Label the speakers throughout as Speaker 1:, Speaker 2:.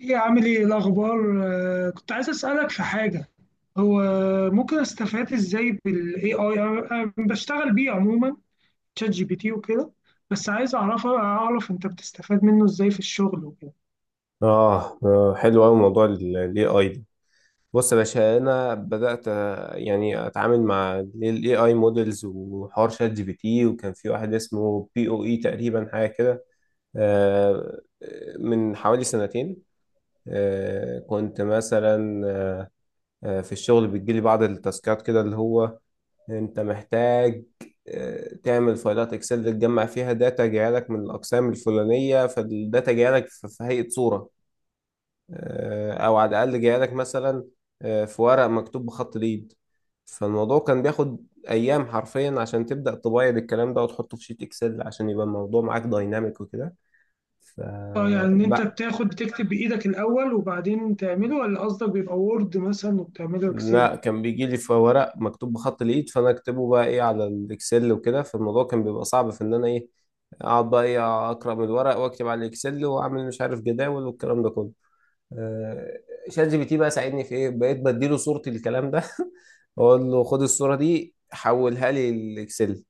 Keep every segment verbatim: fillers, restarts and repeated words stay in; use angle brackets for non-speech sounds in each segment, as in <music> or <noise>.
Speaker 1: ايه، عامل ايه؟ إيه الاخبار؟ آه، كنت عايز اسالك في حاجه. هو ممكن استفاد ازاي بالاي اي؟ انا أنا بشتغل بيه عموما، تشات جي بي تي وكده. بس عايز اعرف اعرف انت بتستفاد منه ازاي في الشغل وكده.
Speaker 2: آه آه، حلو أوي موضوع ال ال إيه آي ده. بص يا باشا، أنا بدأت آه، يعني أتعامل مع ال A I models وحوار شات جي بي تي، وكان في واحد اسمه بي أو إي تقريبا، حاجة كده آه، من حوالي سنتين. آه، كنت مثلا آه، في الشغل بتجيلي بعض التاسكات كده، اللي هو أنت محتاج آه، تعمل فايلات اكسل تجمع فيها داتا جايه لك من الاقسام الفلانيه، فالداتا جايه لك في في هيئه صوره، آه، او على الاقل جايه لك مثلا آه، في ورق مكتوب بخط اليد. فالموضوع كان بياخد ايام حرفيا عشان تبدا تبيض الكلام ده وتحطه في شيت اكسل، عشان يبقى الموضوع معاك دايناميك وكده. ف
Speaker 1: اه يعني ان انت
Speaker 2: بقى
Speaker 1: بتاخد بتكتب بايدك الاول وبعدين تعمله، ولا قصدك بيبقى وورد مثلا وبتعمله اكسل؟
Speaker 2: لا، كان بيجي لي في ورق مكتوب بخط اليد، فانا اكتبه بقى ايه على الاكسل وكده. فالموضوع كان بيبقى صعب في ان انا ايه، اقعد بقى ايه اقرا من الورق واكتب على الاكسل واعمل مش عارف جداول والكلام ده كله. آه، شات جي بي تي بقى ساعدني في ايه، بقيت بديله صورتي الكلام ده. <laughs> اقول له خد الصوره دي حولها لي الاكسل،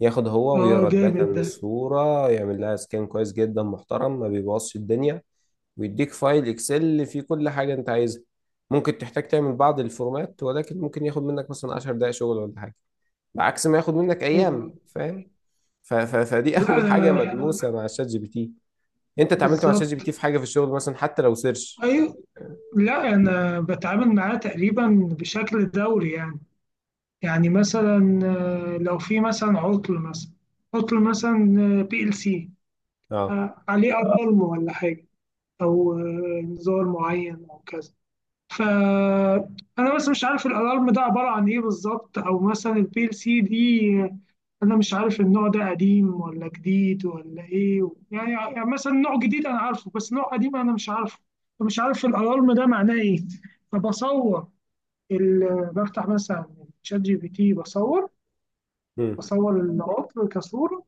Speaker 2: ياخد هو
Speaker 1: اه
Speaker 2: ويقرا الداتا
Speaker 1: جامد
Speaker 2: من
Speaker 1: ده.
Speaker 2: الصوره، يعمل لها سكان كويس جدا محترم، ما بيبوظش الدنيا، ويديك فايل اكسل فيه كل حاجه انت عايزها. ممكن تحتاج تعمل بعض الفورمات، ولكن ممكن ياخد منك مثلا عشر دقائق شغل ولا حاجه، بعكس ما ياخد منك
Speaker 1: حلو
Speaker 2: ايام.
Speaker 1: أوي.
Speaker 2: فاهم؟ ف- ف- فدي <laughs>
Speaker 1: لا
Speaker 2: اول حاجه
Speaker 1: انا،
Speaker 2: ملموسه مع الشات جي بي تي. انت اتعاملت مع الشات جي بي
Speaker 1: بالظبط.
Speaker 2: تي في حاجه في الشغل مثلا، حتى لو سيرش؟
Speaker 1: ايوه. لا انا بتعامل معاه تقريبا بشكل دوري يعني. يعني مثلا آه، لو في مثلا عطل مثلا عطل مثلا بي ال سي
Speaker 2: اه،
Speaker 1: عليه اظلم ولا حاجه، او آه، نزال معين او كذا. فانا بس مش عارف الالارم ده عباره عن ايه بالظبط، او مثلا البي ال سي دي آه، انا مش عارف النوع ده قديم ولا جديد ولا ايه، يعني يعني مثلا نوع جديد انا عارفه بس نوع قديم انا مش عارفه. فمش عارف الالارم ده معناه ايه. فبصور، ال- بفتح مثلا شات جي بي تي، بصور بصور العطل كصورة،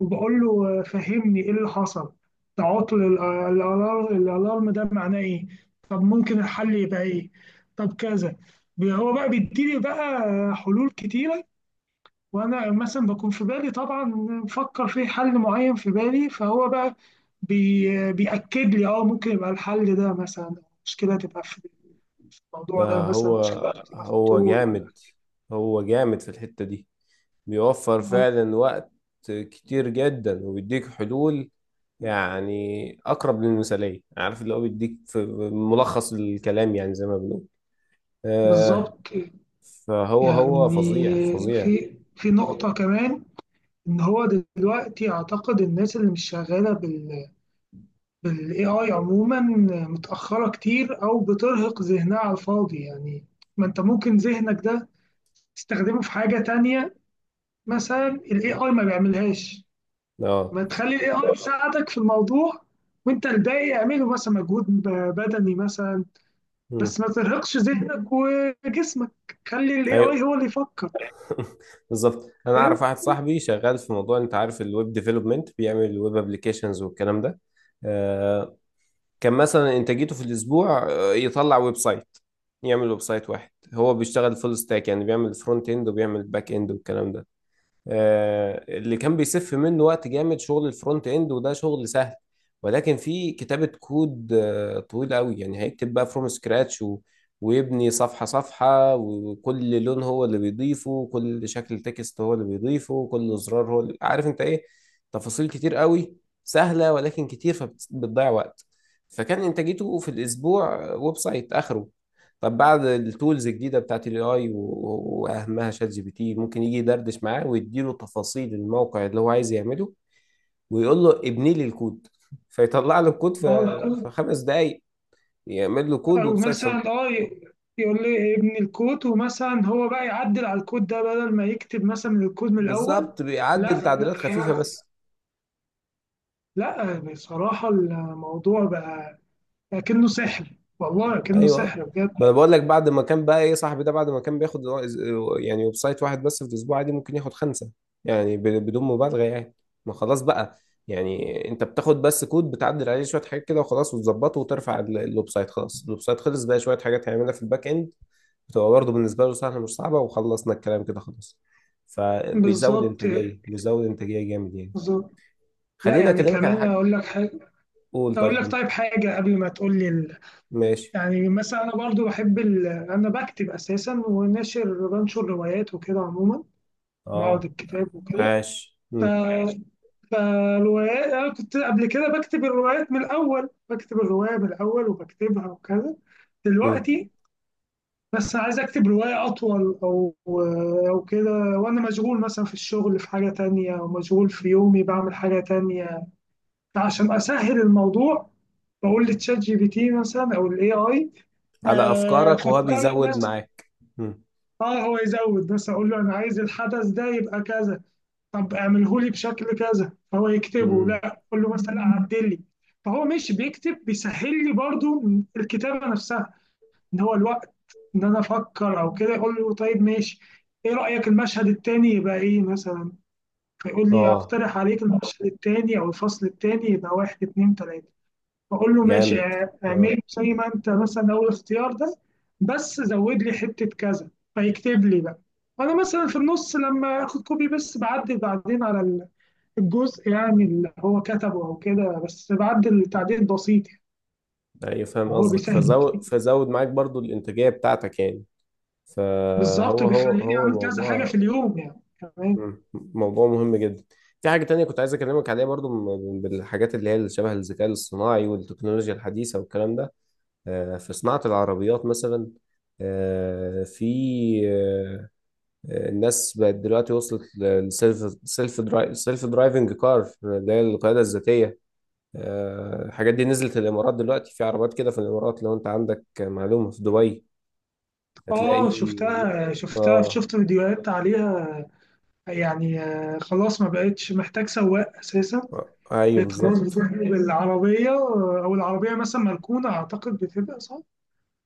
Speaker 1: وبقول له آه، فهمني ايه اللي حصل، ده عطل ال- آه، الالار- الالارم ده معناه ايه، طب ممكن الحل يبقى ايه، طب كذا. بي- هو بقى بيديلي بقى حلول كتيرة. وانا مثلا بكون في بالي طبعا مفكر في حل معين في بالي، فهو بقى بي بيأكد لي اه ممكن يبقى الحل ده مثلا، مشكلة تبقى في في
Speaker 2: ده
Speaker 1: الموضوع ده مثلا
Speaker 2: هو
Speaker 1: مشكلة تبقى في
Speaker 2: هو
Speaker 1: الطول ولا...
Speaker 2: جامد، هو جامد في الحتة دي. بيوفر فعلا وقت كتير جدا، وبيديك حلول يعني أقرب للمثالية، عارف اللي هو بيديك في ملخص الكلام، يعني زي ما بنقول. آه.
Speaker 1: بالظبط.
Speaker 2: فهو هو
Speaker 1: يعني
Speaker 2: فظيع فظيع.
Speaker 1: في في نقطة كمان إن هو دلوقتي أعتقد الناس اللي مش شغالة بال بال A I عموما متأخرة كتير أو بترهق ذهنها على الفاضي يعني. ما أنت ممكن ذهنك ده تستخدمه في حاجة تانية، مثلا ال إيه آي ما بيعملهاش.
Speaker 2: اه.
Speaker 1: ما تخلي ال إيه آي يساعدك في الموضوع، وأنت الباقي اعمله مثلا مجهود ب- بدني مثلا.
Speaker 2: مم.
Speaker 1: بس ما ترهقش ذهنك وجسمك، خلي ال إيه آي
Speaker 2: ايوه.
Speaker 1: هو اللي يفكر.
Speaker 2: <laughs> بالظبط، انا اعرف واحد صاحبي شغال في موضوع، انت عارف الويب ديفلوبمنت؟ بيعمل ويب ابلكيشنز والكلام ده. آه، كان مثلا انتاجيته في الاسبوع آه، يطلع ويب سايت، يعمل ويب سايت واحد. هو بيشتغل فول ستاك، يعني بيعمل فرونت اند وبيعمل باك اند والكلام ده. آه، اللي كان بيسف منه وقت جامد شغل الفرونت اند، وده شغل سهل، ولكن في كتابة كود آه طويل قوي. يعني هيكتب بقى فروم سكراتش، و... ويبني صفحة صفحة، وكل لون هو اللي بيضيفه، كل شكل تكست هو اللي بيضيفه، كل زرار هو اللي... عارف انت ايه، تفاصيل كتير قوي، سهلة ولكن كتير فبتضيع وقت. فكان انتاجيته في الاسبوع ويب سايت اخره. طب بعد التولز الجديدة بتاعت الاي اي، واهمها شات جي بي تي، ممكن يجي يدردش معاه ويديله تفاصيل الموقع اللي هو عايز يعمله، ويقول له ابني لي الكود، فيطلع له الكود في
Speaker 1: فاهم؟
Speaker 2: في خمس دقايق، يعمل له كود
Speaker 1: او
Speaker 2: ويب سايت.
Speaker 1: مثلا اه ي- يقول لي ابن الكود، ومثلا هو بقى يعدل على الكود ده بدل ما يكتب مثلا الكود من الاول.
Speaker 2: فبالظبط بيعدل
Speaker 1: لا.
Speaker 2: تعديلات خفيفة بس.
Speaker 1: لا بصراحة الموضوع بقى كأنه سحر. والله كأنه سحر
Speaker 2: ايوه،
Speaker 1: بجد.
Speaker 2: ما انا بقول لك، بعد ما كان بقى ايه صاحبي ده بعد ما كان بياخد يعني ويب سايت واحد بس في الاسبوع، عادي ممكن ياخد خمسه، يعني ب- بدون مبالغه يعني. ما خلاص بقى، يعني انت بتاخد بس كود، بتعدل عليه شويه حاجات كده وخلاص، وتظبطه وترفع ال- الويب سايت، خلاص الويب سايت خلص، بقى شويه حاجات هيعملها في الباك اند، بتبقى برضه بالنسبه له سهله مش صعبه، وخلصنا الكلام كده خلاص. فبيزود
Speaker 1: بالظبط.
Speaker 2: انتاجيه، بيزود انتاجيه جامد يعني.
Speaker 1: بالظبط. لا
Speaker 2: خليني
Speaker 1: يعني
Speaker 2: اكلمك على
Speaker 1: كمان
Speaker 2: حاجه.
Speaker 1: اقول لك حاجة.
Speaker 2: قول.
Speaker 1: اقول
Speaker 2: طيب
Speaker 1: لك
Speaker 2: انت.
Speaker 1: طيب حاجة قبل ما تقول لي ال...
Speaker 2: ماشي.
Speaker 1: يعني مثلا انا برضو بحب ال... انا بكتب اساسا، وناشر بنشر روايات وكده عموما، معرض
Speaker 2: اه.
Speaker 1: الكتاب وكده.
Speaker 2: عاش.
Speaker 1: ف...
Speaker 2: مم.
Speaker 1: فالروايات أنا كنت قبل كده بكتب الروايات من الأول، بكتب الرواية من الأول وبكتبها وكذا.
Speaker 2: مم.
Speaker 1: دلوقتي بس عايز أكتب رواية أطول أو أو كده، وأنا مشغول مثلا في الشغل في حاجة تانية أو مشغول في يومي بعمل حاجة تانية. فعشان أسهل الموضوع، بقول لتشات جي بي تي مثلا أو الاي اي
Speaker 2: على افكارك وهو
Speaker 1: فكر
Speaker 2: بيزود
Speaker 1: مثلا.
Speaker 2: معاك. مم.
Speaker 1: اه هو يزود، بس اقول له انا عايز الحدث ده يبقى كذا، طب اعمله لي بشكل كذا فهو يكتبه،
Speaker 2: مم.
Speaker 1: لا قول له مثلا عدل لي. فهو مش بيكتب، بيسهل لي برضو الكتابه نفسها، ان هو الوقت ان انا افكر او كده، يقول له طيب ماشي ايه رايك المشهد التاني يبقى ايه مثلا، فيقول لي
Speaker 2: اه.
Speaker 1: اقترح عليك المشهد التاني او الفصل التاني يبقى واحد اتنين تلاته، فاقول له ماشي
Speaker 2: جامد.
Speaker 1: اع- اعمله
Speaker 2: اه.
Speaker 1: زي ما انت مثلا اول اختيار ده، بس زود لي حته كذا. فيكتب لي بقى، وانا مثلا في النص لما اخد كوبي بس بعدل بعدين على الجزء، يعني اللي هو كتبه او كده بس بعدل تعديل بسيط.
Speaker 2: ايوه فاهم
Speaker 1: يعني هو
Speaker 2: قصدك.
Speaker 1: بيسهل كتير.
Speaker 2: فزود، فزود معاك برضو الانتاجيه بتاعتك يعني.
Speaker 1: بالظبط،
Speaker 2: فهو هو
Speaker 1: بيخليني
Speaker 2: هو
Speaker 1: اعمل كذا حاجه في
Speaker 2: موضوع.
Speaker 1: اليوم يعني كمان.
Speaker 2: مم. موضوع مهم جدا. في حاجه تانية كنت عايز اكلمك عليها برضو، من- بالحاجات اللي هي اللي شبه الذكاء الاصطناعي والتكنولوجيا الحديثه والكلام ده. آه، في صناعه العربيات مثلا. آه، في آه، الناس بقت دلوقتي وصلت للسيلف سيلف درايف سيلف درايفنج كار، اللي هي القياده الذاتيه. آه، الحاجات دي نزلت الامارات. دلوقتي في عربيات كده في الامارات، لو انت عندك معلومه، في دبي
Speaker 1: اه
Speaker 2: هتلاقي.
Speaker 1: شفتها شفتها
Speaker 2: اه.
Speaker 1: شفت فيديوهات عليها. يعني آه، خلاص ما بقتش محتاج سواق اساسا.
Speaker 2: آه، ايوه
Speaker 1: بقت خلاص
Speaker 2: بالظبط.
Speaker 1: بتروح بالعربيه آه، او العربيه مثلا مركونه، اعتقد بتبقى صح.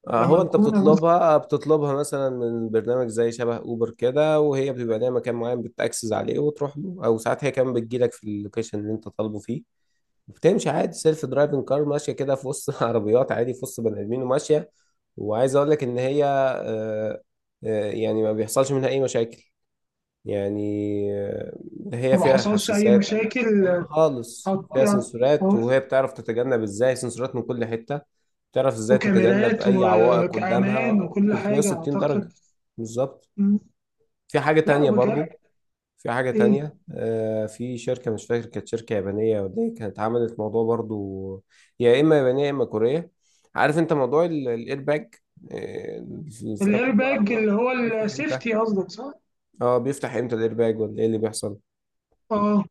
Speaker 2: آه،
Speaker 1: تبقى
Speaker 2: هو انت
Speaker 1: مركونه مثلا.
Speaker 2: بتطلبها بتطلبها مثلا من برنامج زي شبه اوبر كده، وهي بتبقى ليها مكان معين بتاكسس عليه وتروح له، او ساعات هي كمان بتجيلك في اللوكيشن اللي انت طالبه فيه. بتمشي عادي سيلف درايفنج كار ماشيه كده في وسط <laughs> عربيات، عادي في وسط بني ادمين وماشيه. وعايز اقول لك ان هي آه، آه، يعني ما بيحصلش منها اي مشاكل يعني. آه، هي
Speaker 1: وما
Speaker 2: فيها
Speaker 1: حصلش اي
Speaker 2: حساسات
Speaker 1: مشاكل آه،
Speaker 2: خالص،
Speaker 1: حط-
Speaker 2: فيها
Speaker 1: يعني
Speaker 2: سنسورات،
Speaker 1: آه،
Speaker 2: وهي بتعرف تتجنب ازاي، سنسورات من كل حته، بتعرف ازاي تتجنب
Speaker 1: وكاميرات
Speaker 2: اي عوائق
Speaker 1: وكأمان
Speaker 2: قدامها
Speaker 1: وكل حاجة
Speaker 2: ثلاثميه وستين درجه.
Speaker 1: أعتقد.
Speaker 2: بالظبط.
Speaker 1: مم.
Speaker 2: في حاجه
Speaker 1: لا
Speaker 2: تانية برضو،
Speaker 1: بجد.
Speaker 2: في حاجة
Speaker 1: ايه
Speaker 2: تانية آه، في شركة مش فاكر كانت شركة يابانية ولا ايه، كانت عملت موضوع برضو. يا إما يابانية يا إما كورية. عارف أنت موضوع ال- الإيرباج آه، في
Speaker 1: الاير
Speaker 2: كل
Speaker 1: باج
Speaker 2: العربيات
Speaker 1: اللي هو
Speaker 2: بيفتح إمتى؟
Speaker 1: السيفتي قصدك صح؟
Speaker 2: اه، بيفتح إمتى الإيرباج ولا ايه اللي بيحصل؟
Speaker 1: اه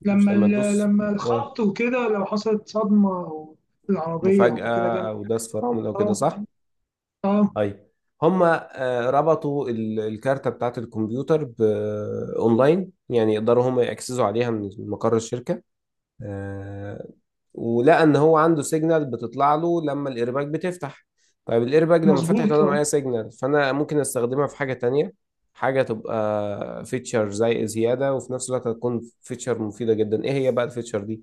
Speaker 2: مش
Speaker 1: لما
Speaker 2: لما
Speaker 1: ال-
Speaker 2: تدوس
Speaker 1: لما
Speaker 2: آه
Speaker 1: الخبط وكده لو حصلت صدمة او العربية او كده
Speaker 2: مفاجأة،
Speaker 1: جنب.
Speaker 2: أو داس فرامل أو كده،
Speaker 1: اه.
Speaker 2: صح؟
Speaker 1: اه
Speaker 2: طيب، هما آه، ربطوا ال- الكارتة بتاعة الكمبيوتر ب- أونلاين، يعني يقدروا هما يأكسسوا عليها من مقر الشركة. آه، ولقى ان هو عنده سيجنال بتطلع له لما الايرباك بتفتح. طيب الايرباك لما فتحت
Speaker 1: مظبوط
Speaker 2: وانا معايا
Speaker 1: اه.
Speaker 2: سيجنال، فانا ممكن استخدمها في حاجه تانية، حاجه تبقى فيتشر زي زياده، وفي نفس الوقت هتكون فيتشر مفيده جدا. ايه هي بقى الفيتشر دي؟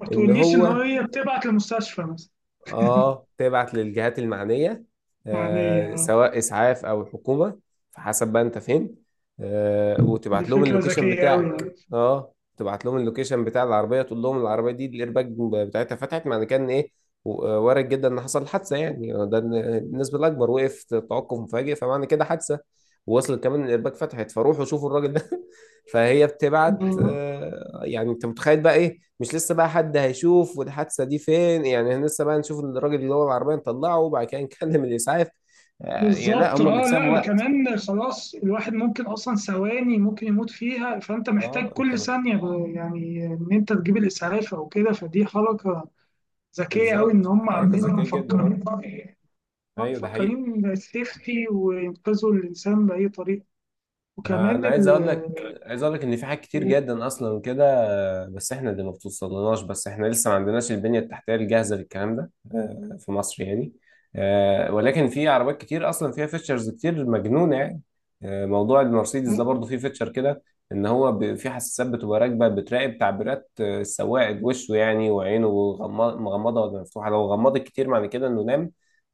Speaker 1: ما
Speaker 2: ان
Speaker 1: تقوليش ان
Speaker 2: هو،
Speaker 1: هي بتبعت للمستشفى مثلا.
Speaker 2: اه، تبعت للجهات المعنية،
Speaker 1: يعني
Speaker 2: آه،
Speaker 1: آه،
Speaker 2: سواء إسعاف أو الحكومة، فحسب بقى أنت فين، آه،
Speaker 1: دي
Speaker 2: وتبعت لهم
Speaker 1: فكرة
Speaker 2: اللوكيشن
Speaker 1: ذكية أوي
Speaker 2: بتاعك.
Speaker 1: يعني.
Speaker 2: اه، تبعت لهم اللوكيشن بتاع العربية، تقول لهم العربية دي الإيرباج بتاعتها فتحت، معنى كان إيه؟ و- آه، وارد جدا إن حصل حادثة يعني، آه، ده النسبة الأكبر. وقف توقف مفاجئ، فمعنى كده حادثة. ووصل كمان الإيرباج فتحت، فروحوا شوفوا الراجل ده. <laughs> فهي بتبعت،
Speaker 1: ب-
Speaker 2: آه، يعني انت متخيل بقى ايه؟ مش لسه بقى حد هيشوف والحادثه دي فين، يعني احنا لسه بقى نشوف ان الراجل اللي هو العربيه نطلعه وبعد كده نكلم الاسعاف. آه، يعني لا،
Speaker 1: بالظبط.
Speaker 2: هم
Speaker 1: اه
Speaker 2: بيكسبوا
Speaker 1: لا
Speaker 2: وقت.
Speaker 1: كمان خلاص الواحد ممكن اصلا ثواني ممكن يموت فيها، فانت محتاج
Speaker 2: اه. انت
Speaker 1: كل
Speaker 2: م-
Speaker 1: ثانية ب- يعني ان انت تجيب الاسعاف او كده. فدي حركة ذكية أوي إن
Speaker 2: بالظبط،
Speaker 1: هم
Speaker 2: حركه
Speaker 1: عاملين
Speaker 2: ذكيه جدا،
Speaker 1: مفكرين،
Speaker 2: اه.
Speaker 1: هم
Speaker 2: ايوه ده حقيقي.
Speaker 1: مفكرين السيفتي وينقذوا الإنسان بأي طريقة.
Speaker 2: آه،
Speaker 1: وكمان
Speaker 2: انا عايز
Speaker 1: ال...
Speaker 2: اقول لك عايز اقول لك ان في حاجات كتير جدا اصلا كده، بس احنا اللي ما بتوصلناش. بس احنا لسه ما عندناش البنية التحتية الجاهزة للكلام ده، آه، في مصر يعني. آه، ولكن في عربيات كتير اصلا فيها فيتشرز كتير مجنونة يعني. آه، موضوع المرسيدس ده برضه فيه فيتشر كده، ان هو ب- في حساسات بتبقى راكبة، بتراقب تعبيرات آه، السواق، وشه يعني، وعينه غما- مغمضة ولا مفتوحة. لو غمضت كتير معنى كده انه نام،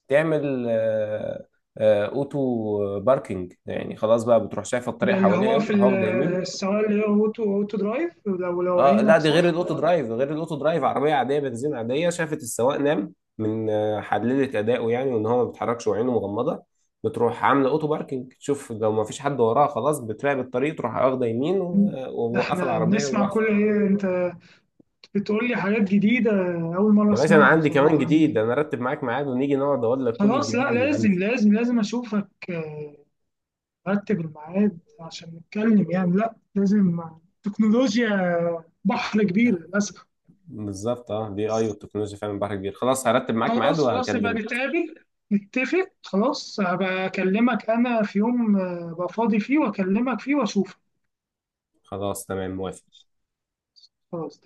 Speaker 2: تعمل آه، آه، اوتو باركينج، يعني خلاص بقى بتروح شايفة الطريق
Speaker 1: ده اللي
Speaker 2: حواليها ايه،
Speaker 1: هو في
Speaker 2: وتروح
Speaker 1: ال-
Speaker 2: واخدة يمين.
Speaker 1: السواق اللي هو أوتو أوتو درايف لو لو
Speaker 2: اه لا،
Speaker 1: عينك
Speaker 2: دي غير
Speaker 1: صح.
Speaker 2: الاوتو درايف، غير الاوتو درايف، عربيه عاديه بنزين عاديه، شافت السواق نام من آه، حللت اداؤه يعني، وان هو ما بيتحركش وعينه مغمضه، بتروح عامله اوتو باركنج، تشوف لو ما فيش حد وراها خلاص، بتراقب الطريق تروح واخده يمين و-
Speaker 1: ده
Speaker 2: وموقفه
Speaker 1: احنا
Speaker 2: العربيه
Speaker 1: بنسمع
Speaker 2: وواقفه.
Speaker 1: كل ايه، انت بتقول لي حاجات جديدة، أول مرة
Speaker 2: يا باشا انا
Speaker 1: أسمعها
Speaker 2: عندي كمان
Speaker 1: بصراحة.
Speaker 2: جديد، انا ارتب معاك ميعاد ونيجي نقعد اقول لك كل
Speaker 1: خلاص، لا
Speaker 2: الجديد اللي
Speaker 1: لازم
Speaker 2: عندي.
Speaker 1: لازم لازم أشوفك. آه، رتب الميعاد عشان نتكلم يعني، لا لازم. التكنولوجيا بحر كبير للأسف.
Speaker 2: بالظبط، اه الاي اي والتكنولوجيا فعلا بحر كبير. خلاص هرتب معاك ميعاد
Speaker 1: خلاص خلاص يبقى
Speaker 2: وهكلمك.
Speaker 1: نتقابل نتفق. خلاص هبقى أكلمك أنا في يوم آه، أبقى فاضي فيه وأكلمك فيه وأشوفك.
Speaker 2: خلاص تمام، موافق.
Speaker 1: خلاص.